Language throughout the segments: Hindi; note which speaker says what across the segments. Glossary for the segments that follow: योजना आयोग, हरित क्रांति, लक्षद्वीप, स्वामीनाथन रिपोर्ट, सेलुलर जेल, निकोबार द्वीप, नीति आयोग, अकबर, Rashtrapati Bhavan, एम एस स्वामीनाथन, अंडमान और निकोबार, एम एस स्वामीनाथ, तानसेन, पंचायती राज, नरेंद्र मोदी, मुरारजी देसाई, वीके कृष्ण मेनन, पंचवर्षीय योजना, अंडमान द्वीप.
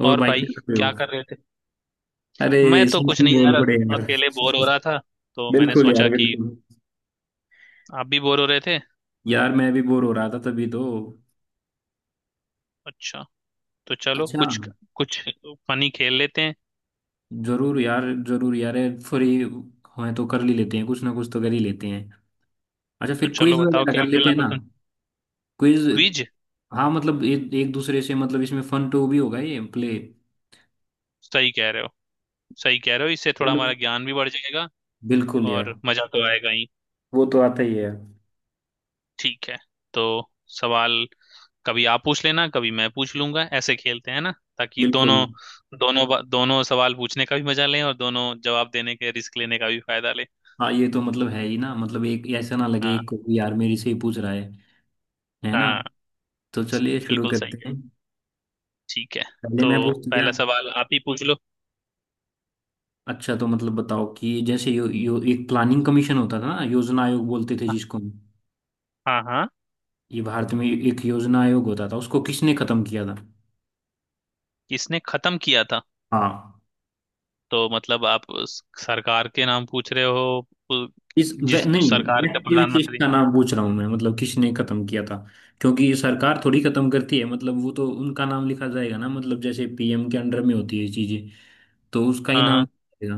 Speaker 1: और
Speaker 2: और
Speaker 1: भाई
Speaker 2: भाई
Speaker 1: क्या कर रहे हो?
Speaker 2: क्या कर रहे थे?
Speaker 1: अरे
Speaker 2: मैं तो कुछ
Speaker 1: समथिंग
Speaker 2: नहीं यार,
Speaker 1: बोल पड़े यार।
Speaker 2: अकेले बोर हो रहा था। तो मैंने
Speaker 1: बिल्कुल यार,
Speaker 2: सोचा कि
Speaker 1: बिल्कुल।
Speaker 2: आप भी बोर हो रहे थे।
Speaker 1: यार मैं भी बोर हो रहा था तभी तो।
Speaker 2: अच्छा, तो चलो
Speaker 1: अच्छा।
Speaker 2: कुछ कुछ फनी खेल लेते हैं।
Speaker 1: जरूर यार, जरूर यार। फ्री हैं तो कर ही लेते हैं, कुछ ना कुछ तो कर ही लेते हैं। अच्छा
Speaker 2: तो
Speaker 1: फिर
Speaker 2: चलो
Speaker 1: क्विज
Speaker 2: बताओ
Speaker 1: वगैरह
Speaker 2: क्या
Speaker 1: कर लेते
Speaker 2: खेलना
Speaker 1: हैं ना।
Speaker 2: पसंद?
Speaker 1: क्विज।
Speaker 2: क्विज।
Speaker 1: हाँ मतलब एक दूसरे से, मतलब इसमें फन टू भी होगा ये प्ले।
Speaker 2: सही कह रहे हो। सही कह रहे हो, इससे थोड़ा
Speaker 1: चलो।
Speaker 2: हमारा ज्ञान भी बढ़ जाएगा
Speaker 1: बिल्कुल यार।
Speaker 2: और मजा तो आएगा ही।
Speaker 1: वो तो आता ही है यार।
Speaker 2: ठीक है, तो सवाल कभी आप पूछ लेना कभी मैं पूछ लूंगा, ऐसे खेलते हैं ना, ताकि दोनों
Speaker 1: बिल्कुल।
Speaker 2: दोनों बा- दोनों सवाल पूछने का भी मजा लें और दोनों जवाब देने के रिस्क लेने का भी फायदा लें।
Speaker 1: हाँ ये तो मतलब है ही ना, मतलब एक ऐसा ना लगे
Speaker 2: हाँ
Speaker 1: एक को कि यार मेरे से ही पूछ रहा है ना?
Speaker 2: हाँ,
Speaker 1: तो चलिए शुरू
Speaker 2: बिल्कुल सही
Speaker 1: करते
Speaker 2: है।
Speaker 1: हैं।
Speaker 2: ठीक है,
Speaker 1: पहले
Speaker 2: तो
Speaker 1: मैं पूछ गया।
Speaker 2: पहला सवाल आप ही पूछ लो।
Speaker 1: अच्छा तो मतलब बताओ कि जैसे यो, यो एक प्लानिंग कमीशन होता था ना, योजना आयोग बोलते थे
Speaker 2: हाँ
Speaker 1: जिसको हम।
Speaker 2: हाँ हाँ।
Speaker 1: ये भारत में एक योजना आयोग होता था, उसको किसने खत्म किया था?
Speaker 2: किसने खत्म किया था?
Speaker 1: हाँ।
Speaker 2: तो मतलब आप उस सरकार के नाम पूछ रहे हो
Speaker 1: इस वे,
Speaker 2: जिस
Speaker 1: नहीं
Speaker 2: सरकार का
Speaker 1: व्यक्ति विशेष
Speaker 2: प्रधानमंत्री?
Speaker 1: का नाम पूछ रहा हूँ मैं, मतलब किसने खत्म किया था। क्योंकि ये सरकार थोड़ी खत्म करती है, मतलब वो तो उनका नाम लिखा जाएगा ना, मतलब जैसे पीएम के अंडर में होती है चीजें तो उसका ही
Speaker 2: हाँ
Speaker 1: नाम
Speaker 2: हाँ,
Speaker 1: लिखेगा।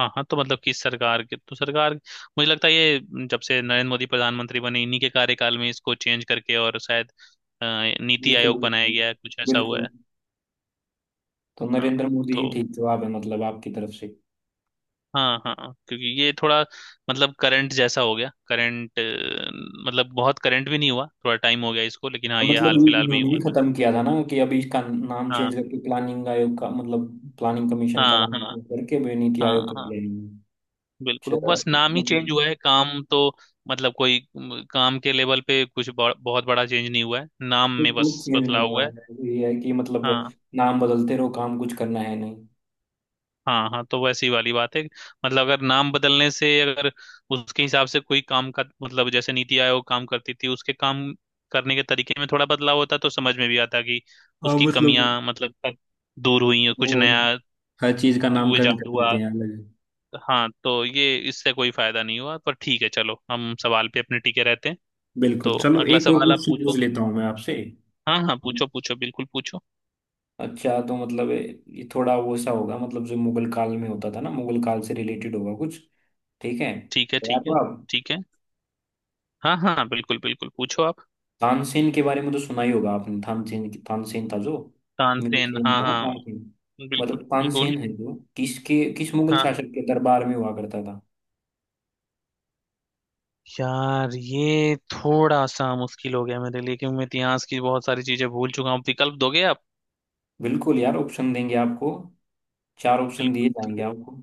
Speaker 2: हाँ हाँ, तो मतलब किस सरकार के, तो सरकार मुझे लगता है ये जब से नरेंद्र मोदी प्रधानमंत्री बने इन्हीं के कार्यकाल में इसको चेंज करके और शायद नीति
Speaker 1: बिल्कुल,
Speaker 2: आयोग बनाया
Speaker 1: बिल्कुल,
Speaker 2: गया है, कुछ ऐसा हुआ
Speaker 1: बिल्कुल।
Speaker 2: है।
Speaker 1: तो
Speaker 2: हाँ,
Speaker 1: नरेंद्र मोदी
Speaker 2: तो
Speaker 1: ही ठीक जवाब है मतलब आपकी तरफ से।
Speaker 2: हाँ हाँ हाँ, क्योंकि ये थोड़ा मतलब करंट जैसा हो गया। करंट मतलब बहुत करंट भी नहीं हुआ, थोड़ा टाइम हो गया इसको, लेकिन हाँ ये
Speaker 1: मतलब
Speaker 2: हाल
Speaker 1: ये
Speaker 2: फिलहाल में ही
Speaker 1: इन्होंने भी
Speaker 2: हुआ था।
Speaker 1: खत्म किया था ना कि अभी इसका नाम
Speaker 2: हाँ
Speaker 1: चेंज करके प्लानिंग आयोग का मतलब प्लानिंग कमीशन का
Speaker 2: हाँ,
Speaker 1: नाम
Speaker 2: हाँ
Speaker 1: change करके भी नीति
Speaker 2: हाँ
Speaker 1: आयोग कर
Speaker 2: हाँ,
Speaker 1: लेंगे।
Speaker 2: बिल्कुल,
Speaker 1: अच्छा,
Speaker 2: बस नाम ही चेंज
Speaker 1: मतलब
Speaker 2: हुआ है, काम तो मतलब कोई काम के लेवल पे कुछ बहुत बड़ा चेंज नहीं हुआ है, नाम
Speaker 1: कोई
Speaker 2: में
Speaker 1: कुछ
Speaker 2: बस
Speaker 1: चेंज नहीं
Speaker 2: बदलाव
Speaker 1: हुआ
Speaker 2: हुआ है।
Speaker 1: है, ये है कि मतलब
Speaker 2: हाँ
Speaker 1: नाम बदलते रहो, काम कुछ करना है नहीं।
Speaker 2: हाँ हाँ, तो वैसी वाली बात है। मतलब अगर नाम बदलने से, अगर उसके हिसाब से कोई काम का मतलब जैसे नीति आयोग काम करती थी, उसके काम करने के तरीके में थोड़ा बदलाव होता तो समझ में भी आता कि
Speaker 1: हाँ
Speaker 2: उसकी
Speaker 1: मतलब
Speaker 2: कमियां मतलब अब दूर हुई हैं, कुछ
Speaker 1: वो
Speaker 2: नया
Speaker 1: हर चीज का नामकरण
Speaker 2: इजाद
Speaker 1: कर
Speaker 2: हुआ।
Speaker 1: देते हैं अलग।
Speaker 2: हाँ, तो ये इससे कोई फायदा नहीं हुआ, पर ठीक है, चलो हम सवाल पे अपने टिके रहते हैं।
Speaker 1: बिल्कुल।
Speaker 2: तो
Speaker 1: चलो
Speaker 2: अगला
Speaker 1: एक और
Speaker 2: सवाल आप
Speaker 1: क्वेश्चन पूछ
Speaker 2: पूछो।
Speaker 1: लेता हूँ मैं आपसे।
Speaker 2: हाँ हाँ, पूछो पूछो, बिल्कुल पूछो।
Speaker 1: अच्छा तो मतलब ये थोड़ा वो सा होगा, मतलब जो मुगल काल में होता था ना, मुगल काल से रिलेटेड होगा कुछ। ठीक है,
Speaker 2: ठीक है, ठीक
Speaker 1: तैयार हो
Speaker 2: है,
Speaker 1: आप?
Speaker 2: ठीक है, हाँ हाँ, बिल्कुल बिल्कुल, पूछो आप।
Speaker 1: तानसेन के बारे में तो सुना ही होगा आपने। तानसेन तानसेन था जो
Speaker 2: तानसेन,
Speaker 1: मिनसेन
Speaker 2: हाँ
Speaker 1: था ना,
Speaker 2: हाँ।
Speaker 1: तानसेन।
Speaker 2: बिल्कुल
Speaker 1: मतलब
Speaker 2: बिल्कुल।
Speaker 1: तानसेन है जो किसके, किस मुगल
Speaker 2: हाँ,
Speaker 1: शासक के दरबार में हुआ करता था।
Speaker 2: यार ये थोड़ा सा मुश्किल हो गया मेरे लिए, क्योंकि मैं इतिहास की बहुत सारी चीजें भूल चुका हूँ। विकल्प दोगे आप?
Speaker 1: बिल्कुल यार ऑप्शन देंगे आपको। चार ऑप्शन
Speaker 2: बिल्कुल,
Speaker 1: दिए
Speaker 2: तो
Speaker 1: जाएंगे
Speaker 2: फिर
Speaker 1: आपको।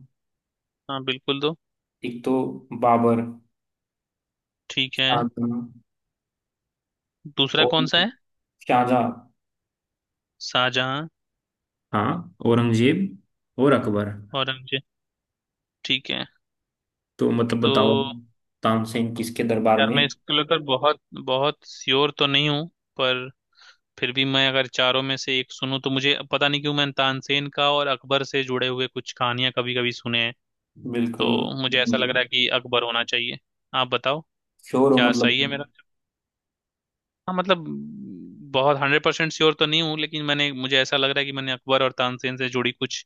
Speaker 2: हाँ बिल्कुल दो।
Speaker 1: एक तो बाबर,
Speaker 2: ठीक है।
Speaker 1: शाहजहां
Speaker 2: दूसरा
Speaker 1: और
Speaker 2: कौन सा है?
Speaker 1: शाहजहां,
Speaker 2: शाहजहां?
Speaker 1: हाँ औरंगजेब और अकबर।
Speaker 2: औरंगजेब? ठीक है।
Speaker 1: तो मतलब
Speaker 2: तो
Speaker 1: बताओ तानसेन किसके दरबार
Speaker 2: यार
Speaker 1: में।
Speaker 2: मैं इसको लेकर बहुत बहुत श्योर तो नहीं हूँ, पर फिर भी मैं अगर चारों में से एक सुनूं तो मुझे पता नहीं क्यों मैं तानसेन का और अकबर से जुड़े हुए कुछ कहानियां कभी कभी सुने हैं।
Speaker 1: बिल्कुल।
Speaker 2: तो मुझे ऐसा लग रहा है कि अकबर होना चाहिए। आप बताओ
Speaker 1: श्योर हो
Speaker 2: क्या
Speaker 1: मतलब।
Speaker 2: सही है मेरा? हाँ मतलब बहुत 100% श्योर तो नहीं हूँ, लेकिन मैंने, मुझे ऐसा लग रहा है कि मैंने अकबर और तानसेन से जुड़ी कुछ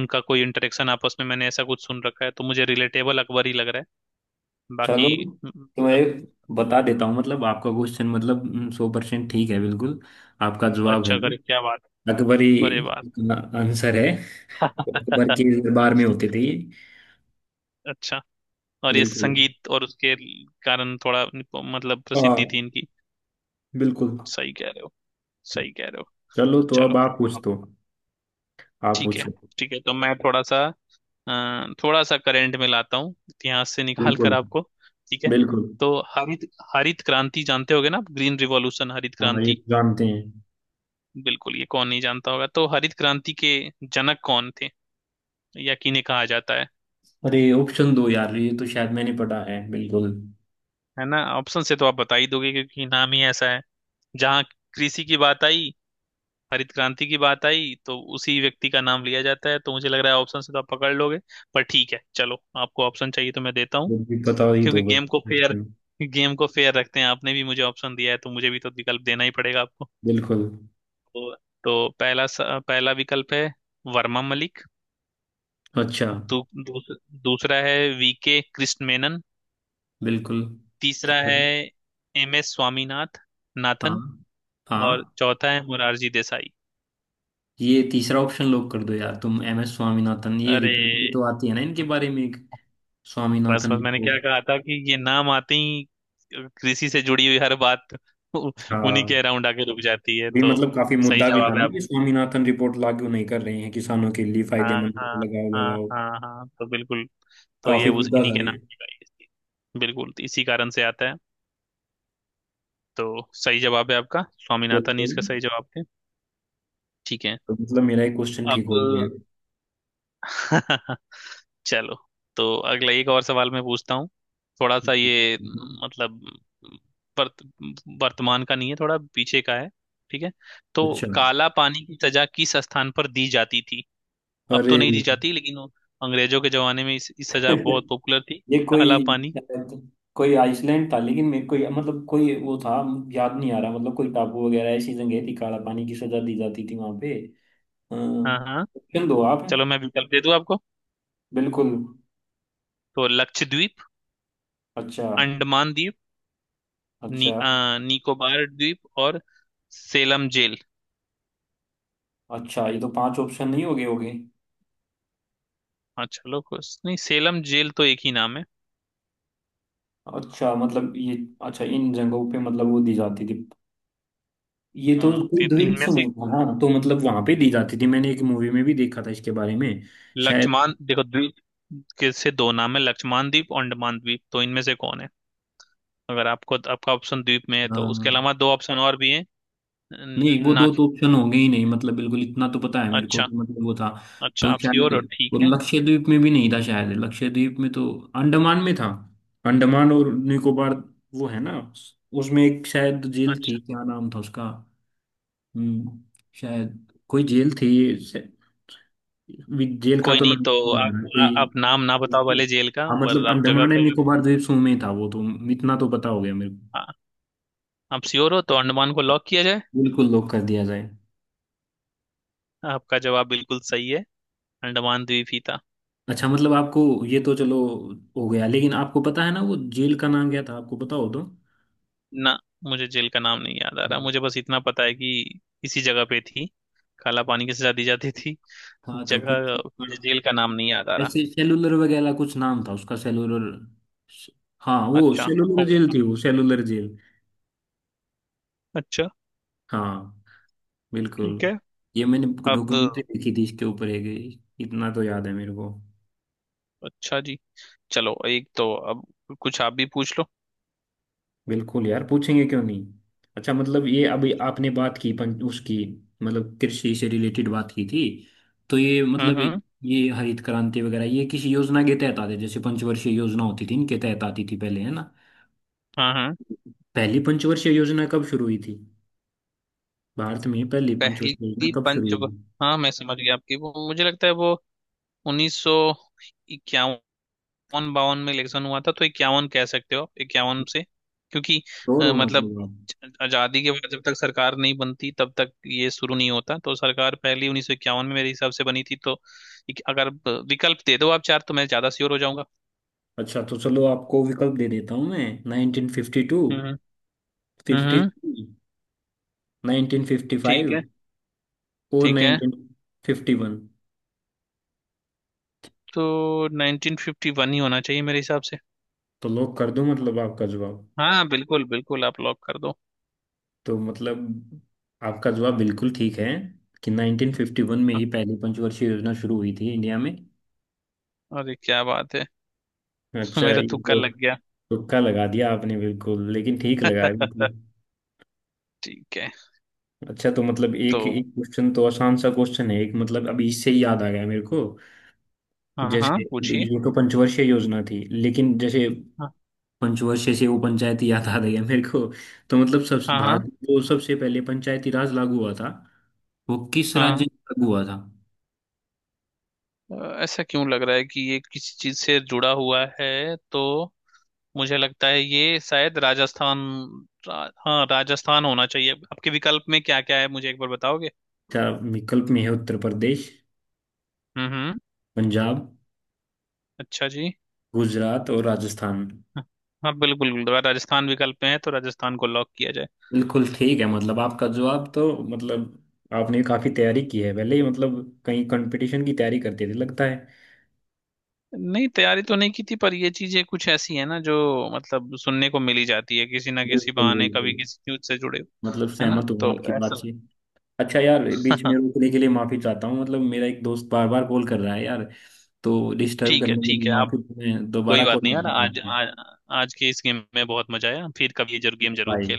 Speaker 2: उनका कोई इंटरेक्शन आपस में मैंने ऐसा कुछ सुन रखा है, तो मुझे रिलेटेबल अकबर ही लग रहा है।
Speaker 1: चलो
Speaker 2: बाकी
Speaker 1: तो मैं
Speaker 2: मतलब।
Speaker 1: एक बता
Speaker 2: तो
Speaker 1: देता हूँ, मतलब आपका क्वेश्चन मतलब 100% ठीक है बिल्कुल। आपका जवाब है
Speaker 2: अच्छा
Speaker 1: वो
Speaker 2: करे, क्या बात!
Speaker 1: अकबरी
Speaker 2: अरे बात
Speaker 1: का आंसर है। अकबर के दरबार में होते थे ये।
Speaker 2: अच्छा। और ये
Speaker 1: बिल्कुल।
Speaker 2: संगीत और उसके कारण थोड़ा मतलब प्रसिद्धि
Speaker 1: हाँ
Speaker 2: थी इनकी।
Speaker 1: बिल्कुल।
Speaker 2: सही कह रहे हो। सही कह रहे हो।
Speaker 1: चलो तो अब
Speaker 2: चलो
Speaker 1: आप पूछ
Speaker 2: अब।
Speaker 1: दो। आप
Speaker 2: ठीक है।
Speaker 1: पूछो।
Speaker 2: ठीक है, तो मैं थोड़ा सा थोड़ा सा करंट में लाता हूँ इतिहास से निकाल कर
Speaker 1: बिल्कुल,
Speaker 2: आपको। ठीक है।
Speaker 1: बिल्कुल।
Speaker 2: तो हरित हरित क्रांति जानते होगे ना आप, ग्रीन रिवॉल्यूशन, हरित
Speaker 1: हाँ ये
Speaker 2: क्रांति?
Speaker 1: तो जानते हैं।
Speaker 2: बिल्कुल, ये कौन नहीं जानता होगा। तो हरित क्रांति के जनक कौन थे या किन्हें कहा जाता है?
Speaker 1: अरे ऑप्शन दो यार, ये तो शायद मैंने पढ़ा है। बिल्कुल
Speaker 2: है ना, ऑप्शन से तो आप बता ही दोगे क्योंकि नाम ही ऐसा है, जहाँ कृषि की बात आई, हरित क्रांति की बात आई, तो उसी व्यक्ति का नाम लिया जाता है, तो मुझे लग रहा है ऑप्शन से तो आप पकड़ लोगे। पर ठीक है, चलो आपको ऑप्शन चाहिए तो मैं देता हूँ,
Speaker 1: मुझे भी पता ही
Speaker 2: क्योंकि
Speaker 1: दो बस option।
Speaker 2: गेम को फेयर रखते हैं, आपने भी मुझे ऑप्शन दिया है तो मुझे भी तो विकल्प देना ही पड़ेगा आपको।
Speaker 1: बिल्कुल।
Speaker 2: तो, तो पहला विकल्प है वर्मा मलिक।
Speaker 1: अच्छा।
Speaker 2: दू, दूस, दूसरा है वीके कृष्ण मेनन।
Speaker 1: बिल्कुल।
Speaker 2: तीसरा
Speaker 1: ठीक है।
Speaker 2: है एम एस स्वामीनाथ
Speaker 1: हाँ
Speaker 2: नाथन। और
Speaker 1: हाँ
Speaker 2: चौथा है मुरारजी देसाई।
Speaker 1: ये तीसरा ऑप्शन लॉक कर दो यार तुम, एमएस स्वामीनाथन। ये
Speaker 2: अरे
Speaker 1: रिपोर्ट भी तो आती है ना इनके
Speaker 2: मुझ-
Speaker 1: बारे में एक,
Speaker 2: बस
Speaker 1: स्वामीनाथन
Speaker 2: बस, मैंने क्या
Speaker 1: रिपोर्ट
Speaker 2: कहा था कि ये नाम आते ही कृषि से जुड़ी हुई हर बात उ-
Speaker 1: का
Speaker 2: उन्हीं के अराउंड आके रुक जाती है।
Speaker 1: भी,
Speaker 2: तो
Speaker 1: मतलब काफी
Speaker 2: सही
Speaker 1: मुद्दा भी था
Speaker 2: जवाब
Speaker 1: ना
Speaker 2: है।
Speaker 1: कि स्वामीनाथन रिपोर्ट लागू नहीं कर रहे हैं किसानों के लिए
Speaker 2: हाँ
Speaker 1: फायदेमंद।
Speaker 2: हाँ,
Speaker 1: लगाओ
Speaker 2: हाँ
Speaker 1: लगाओ।
Speaker 2: हाँ हाँ, तो बिल्कुल। तो ये
Speaker 1: काफी
Speaker 2: उस
Speaker 1: मुद्दा
Speaker 2: इन्हीं
Speaker 1: था
Speaker 2: के
Speaker 1: ये।
Speaker 2: नाम की गाई थी। बिल्कुल, तो इसी कारण से आता है। तो सही जवाब है, आपका स्वामीनाथन ही
Speaker 1: बिल्कुल।
Speaker 2: इसका सही जवाब है। ठीक है।
Speaker 1: तो मतलब मेरा एक क्वेश्चन ठीक
Speaker 2: अब
Speaker 1: हो गया।
Speaker 2: चलो, तो अगला एक और सवाल मैं पूछता हूँ। थोड़ा सा ये मतलब म, वर्त, वर्तमान का नहीं है, थोड़ा पीछे का है। ठीक है। तो
Speaker 1: अच्छा।
Speaker 2: काला पानी की सजा किस स्थान पर दी जाती थी? अब तो
Speaker 1: अरे।
Speaker 2: नहीं दी जाती, लेकिन वो अंग्रेजों के जमाने में इस सजा बहुत पॉपुलर थी।
Speaker 1: ये
Speaker 2: काला
Speaker 1: कोई
Speaker 2: पानी।
Speaker 1: शायद कोई आइसलैंड था लेकिन मेरे को मतलब कोई वो था, याद नहीं आ रहा। मतलब कोई टापू वगैरह ऐसी जगह थी, काला पानी की सजा दी जाती थी वहां पे।
Speaker 2: हाँ हाँ।
Speaker 1: ऑप्शन दो आप।
Speaker 2: चलो मैं विकल्प दे दूं आपको।
Speaker 1: बिल्कुल।
Speaker 2: तो लक्षद्वीप,
Speaker 1: अच्छा।
Speaker 2: अंडमान द्वीप,
Speaker 1: अच्छा।
Speaker 2: निकोबार द्वीप और सेलम जेल।
Speaker 1: अच्छा ये तो पांच ऑप्शन नहीं हो गए, हो गए?
Speaker 2: हाँ, चलो कुछ नहीं, सेलम जेल तो एक ही नाम है।
Speaker 1: अच्छा मतलब ये, अच्छा इन जगहों पे मतलब वो दी जाती थी। ये तो
Speaker 2: हम्म,
Speaker 1: कोई द्वीप
Speaker 2: इनमें से
Speaker 1: समूह था। हाँ तो मतलब वहां पे दी जाती थी, मैंने एक मूवी में भी देखा था इसके बारे में।
Speaker 2: लक्ष्मान देखो, द्वीप के से दो नाम है, लक्ष्मान द्वीप और अंडमान द्वीप, तो इनमें से कौन है? अगर आपको, आपका ऑप्शन द्वीप में है तो उसके
Speaker 1: शायद
Speaker 2: अलावा दो ऑप्शन और भी हैं। न-
Speaker 1: नहीं। वो
Speaker 2: ना।
Speaker 1: दो तो ऑप्शन होंगे ही नहीं, मतलब बिल्कुल इतना तो पता है मेरे को
Speaker 2: अच्छा,
Speaker 1: कि मतलब वो था।
Speaker 2: अच्छा
Speaker 1: तो
Speaker 2: आप श्योर हो?
Speaker 1: शायद,
Speaker 2: ठीक
Speaker 1: और
Speaker 2: है,
Speaker 1: लक्षद्वीप में भी नहीं था शायद, लक्षद्वीप में तो। अंडमान में था। अंडमान और निकोबार वो है ना, उसमें एक शायद जेल थी,
Speaker 2: अच्छा।
Speaker 1: क्या नाम था उसका। हम्म। शायद कोई जेल थी। शायद- जेल का
Speaker 2: कोई
Speaker 1: तो
Speaker 2: नहीं
Speaker 1: नाम
Speaker 2: तो।
Speaker 1: नहीं
Speaker 2: आप
Speaker 1: याद है, कोई।
Speaker 2: आप नाम ना बताओ वाले जेल का,
Speaker 1: हाँ मतलब
Speaker 2: पर आप जगह
Speaker 1: अंडमान
Speaker 2: का।
Speaker 1: एंड निकोबार द्वीप समूह में ही था वो तो, इतना तो पता हो गया मेरे को।
Speaker 2: आ, आप श्योर हो तो अंडमान को लॉक किया जाए?
Speaker 1: बिल्कुल लॉक कर दिया जाए।
Speaker 2: आपका जवाब बिल्कुल सही है, अंडमान द्वीप ही था।
Speaker 1: अच्छा मतलब आपको ये तो चलो हो गया, लेकिन आपको पता है ना वो जेल का नाम क्या था, आपको पता हो तो।
Speaker 2: ना, मुझे जेल का नाम नहीं याद आ रहा,
Speaker 1: हम्म।
Speaker 2: मुझे बस इतना पता है कि इसी जगह पे थी, काला पानी की सजा दी जाती थी
Speaker 1: हाँ तो कुछ।
Speaker 2: जगह। मुझे
Speaker 1: हाँ,
Speaker 2: जेल का नाम नहीं याद आ रहा।
Speaker 1: ऐसे सेलुलर वगैरह कुछ नाम था उसका, सेलुलर। हाँ वो
Speaker 2: अच्छा,
Speaker 1: सेलुलर जेल
Speaker 2: होगा।
Speaker 1: थी, वो सेलुलर जेल।
Speaker 2: अच्छा।
Speaker 1: हाँ बिल्कुल।
Speaker 2: ठीक है।
Speaker 1: ये मैंने
Speaker 2: अब
Speaker 1: डॉक्यूमेंट्री देखी थी इसके ऊपर एक, इतना तो याद है मेरे को।
Speaker 2: अच्छा जी, चलो एक तो अब कुछ आप भी पूछ लो।
Speaker 1: बिल्कुल यार पूछेंगे क्यों नहीं। अच्छा मतलब ये अभी
Speaker 2: पूछो।
Speaker 1: आपने बात की पंच उसकी, मतलब कृषि से रिलेटेड बात की थी। तो ये मतलब
Speaker 2: हम्म।
Speaker 1: ये हरित क्रांति वगैरह ये किसी योजना के तहत आते, जैसे पंचवर्षीय योजना होती थी, इनके तहत आती थी पहले है ना।
Speaker 2: हाँ हाँ।
Speaker 1: पहली पंचवर्षीय योजना कब शुरू हुई थी? भारत में पहली पंचवर्षीय योजना
Speaker 2: पहली
Speaker 1: कब शुरू
Speaker 2: पंच
Speaker 1: हुई थी?
Speaker 2: हाँ मैं समझ गया आपकी, वो मुझे लगता है वो 1951, बावन में इलेक्शन हुआ था, तो इक्यावन कह सकते हो आप, इक्यावन से, क्योंकि
Speaker 1: श्योर हो
Speaker 2: मतलब
Speaker 1: मतलब आप।
Speaker 2: आजादी के बाद जब तक सरकार नहीं बनती तब तक ये शुरू नहीं होता, तो सरकार पहली 1951 में मेरे हिसाब से बनी थी, तो एक- अगर ब- विकल्प दे दो आप चार तो मैं ज्यादा श्योर हो जाऊंगा।
Speaker 1: अच्छा तो चलो आपको विकल्प दे देता हूँ मैं, 1952,
Speaker 2: हम्म हम्म हम्म,
Speaker 1: 53,
Speaker 2: ठीक है,
Speaker 1: 1955 और
Speaker 2: ठीक है,
Speaker 1: 1951।
Speaker 2: तो 1951 ही होना चाहिए मेरे हिसाब से।
Speaker 1: तो लॉक कर दूं मतलब आपका जवाब?
Speaker 2: हाँ बिल्कुल बिल्कुल, आप लॉक कर दो।
Speaker 1: तो मतलब आपका जवाब बिल्कुल ठीक है कि 1951 में ही पहली पंचवर्षीय योजना शुरू हुई थी इंडिया में।
Speaker 2: अरे क्या बात है
Speaker 1: अच्छा
Speaker 2: मेरा
Speaker 1: ये
Speaker 2: तुक्का
Speaker 1: तो।
Speaker 2: लग गया।
Speaker 1: तुक्का लगा दिया आपने बिल्कुल, लेकिन ठीक लगाया बिल्कुल।
Speaker 2: ठीक है।
Speaker 1: अच्छा तो मतलब
Speaker 2: तो
Speaker 1: एक एक क्वेश्चन तो आसान सा क्वेश्चन है एक, मतलब अभी इससे ही याद आ गया मेरे को।
Speaker 2: हाँ हाँ
Speaker 1: जैसे
Speaker 2: पूछिए।
Speaker 1: ये तो पंचवर्षीय योजना थी लेकिन जैसे
Speaker 2: हाँ
Speaker 1: पंचवर्षीय से वो पंचायती याद आ गया मेरे को। तो मतलब सब
Speaker 2: हाँ
Speaker 1: भारत,
Speaker 2: हाँ
Speaker 1: हाँ, में जो सबसे पहले पंचायती राज लागू हुआ था वो किस राज्य
Speaker 2: हाँ।
Speaker 1: में लागू हुआ था?
Speaker 2: ऐसा क्यों लग रहा है कि ये किसी चीज से जुड़ा हुआ है, तो मुझे लगता है ये शायद राजस्थान, हाँ राजस्थान होना चाहिए। आपके विकल्प में क्या क्या है मुझे एक बार बताओगे?
Speaker 1: क्या विकल्प में है? उत्तर प्रदेश,
Speaker 2: हम्म हम्म,
Speaker 1: पंजाब,
Speaker 2: अच्छा जी।
Speaker 1: गुजरात और राजस्थान।
Speaker 2: हाँ बिल्कुल बिल्कुल, राजस्थान विकल्प में है तो राजस्थान को लॉक किया जाए।
Speaker 1: बिल्कुल ठीक है मतलब आपका जवाब तो, मतलब आपने काफी तैयारी की है पहले ही, मतलब कहीं कंपटीशन की तैयारी करते थे लगता है।
Speaker 2: नहीं, तैयारी तो नहीं की थी, पर ये चीजें कुछ ऐसी है ना जो मतलब सुनने को मिली जाती है किसी ना किसी
Speaker 1: बिल्कुल,
Speaker 2: बहाने, कभी
Speaker 1: बिल्कुल।
Speaker 2: किसी न्यूज से जुड़े हो,
Speaker 1: मतलब
Speaker 2: है ना,
Speaker 1: सहमत हूँ मैं
Speaker 2: तो
Speaker 1: आपकी बात
Speaker 2: ऐसा।
Speaker 1: से। अच्छा यार बीच में
Speaker 2: हाँ।
Speaker 1: रोकने के लिए माफी चाहता हूँ, मतलब मेरा एक दोस्त बार बार कॉल कर रहा है यार। तो डिस्टर्ब
Speaker 2: ठीक
Speaker 1: करने
Speaker 2: है,
Speaker 1: के लिए
Speaker 2: ठीक है,
Speaker 1: माफी,
Speaker 2: आप
Speaker 1: मैं
Speaker 2: कोई
Speaker 1: दोबारा कॉल
Speaker 2: बात नहीं
Speaker 1: कर
Speaker 2: यार,
Speaker 1: रहा
Speaker 2: आज
Speaker 1: हूँ।
Speaker 2: आज आज के इस गेम में बहुत मजा आया, फिर कभी ये जरूर गेम जरूर
Speaker 1: बाय।
Speaker 2: खेलेंगे।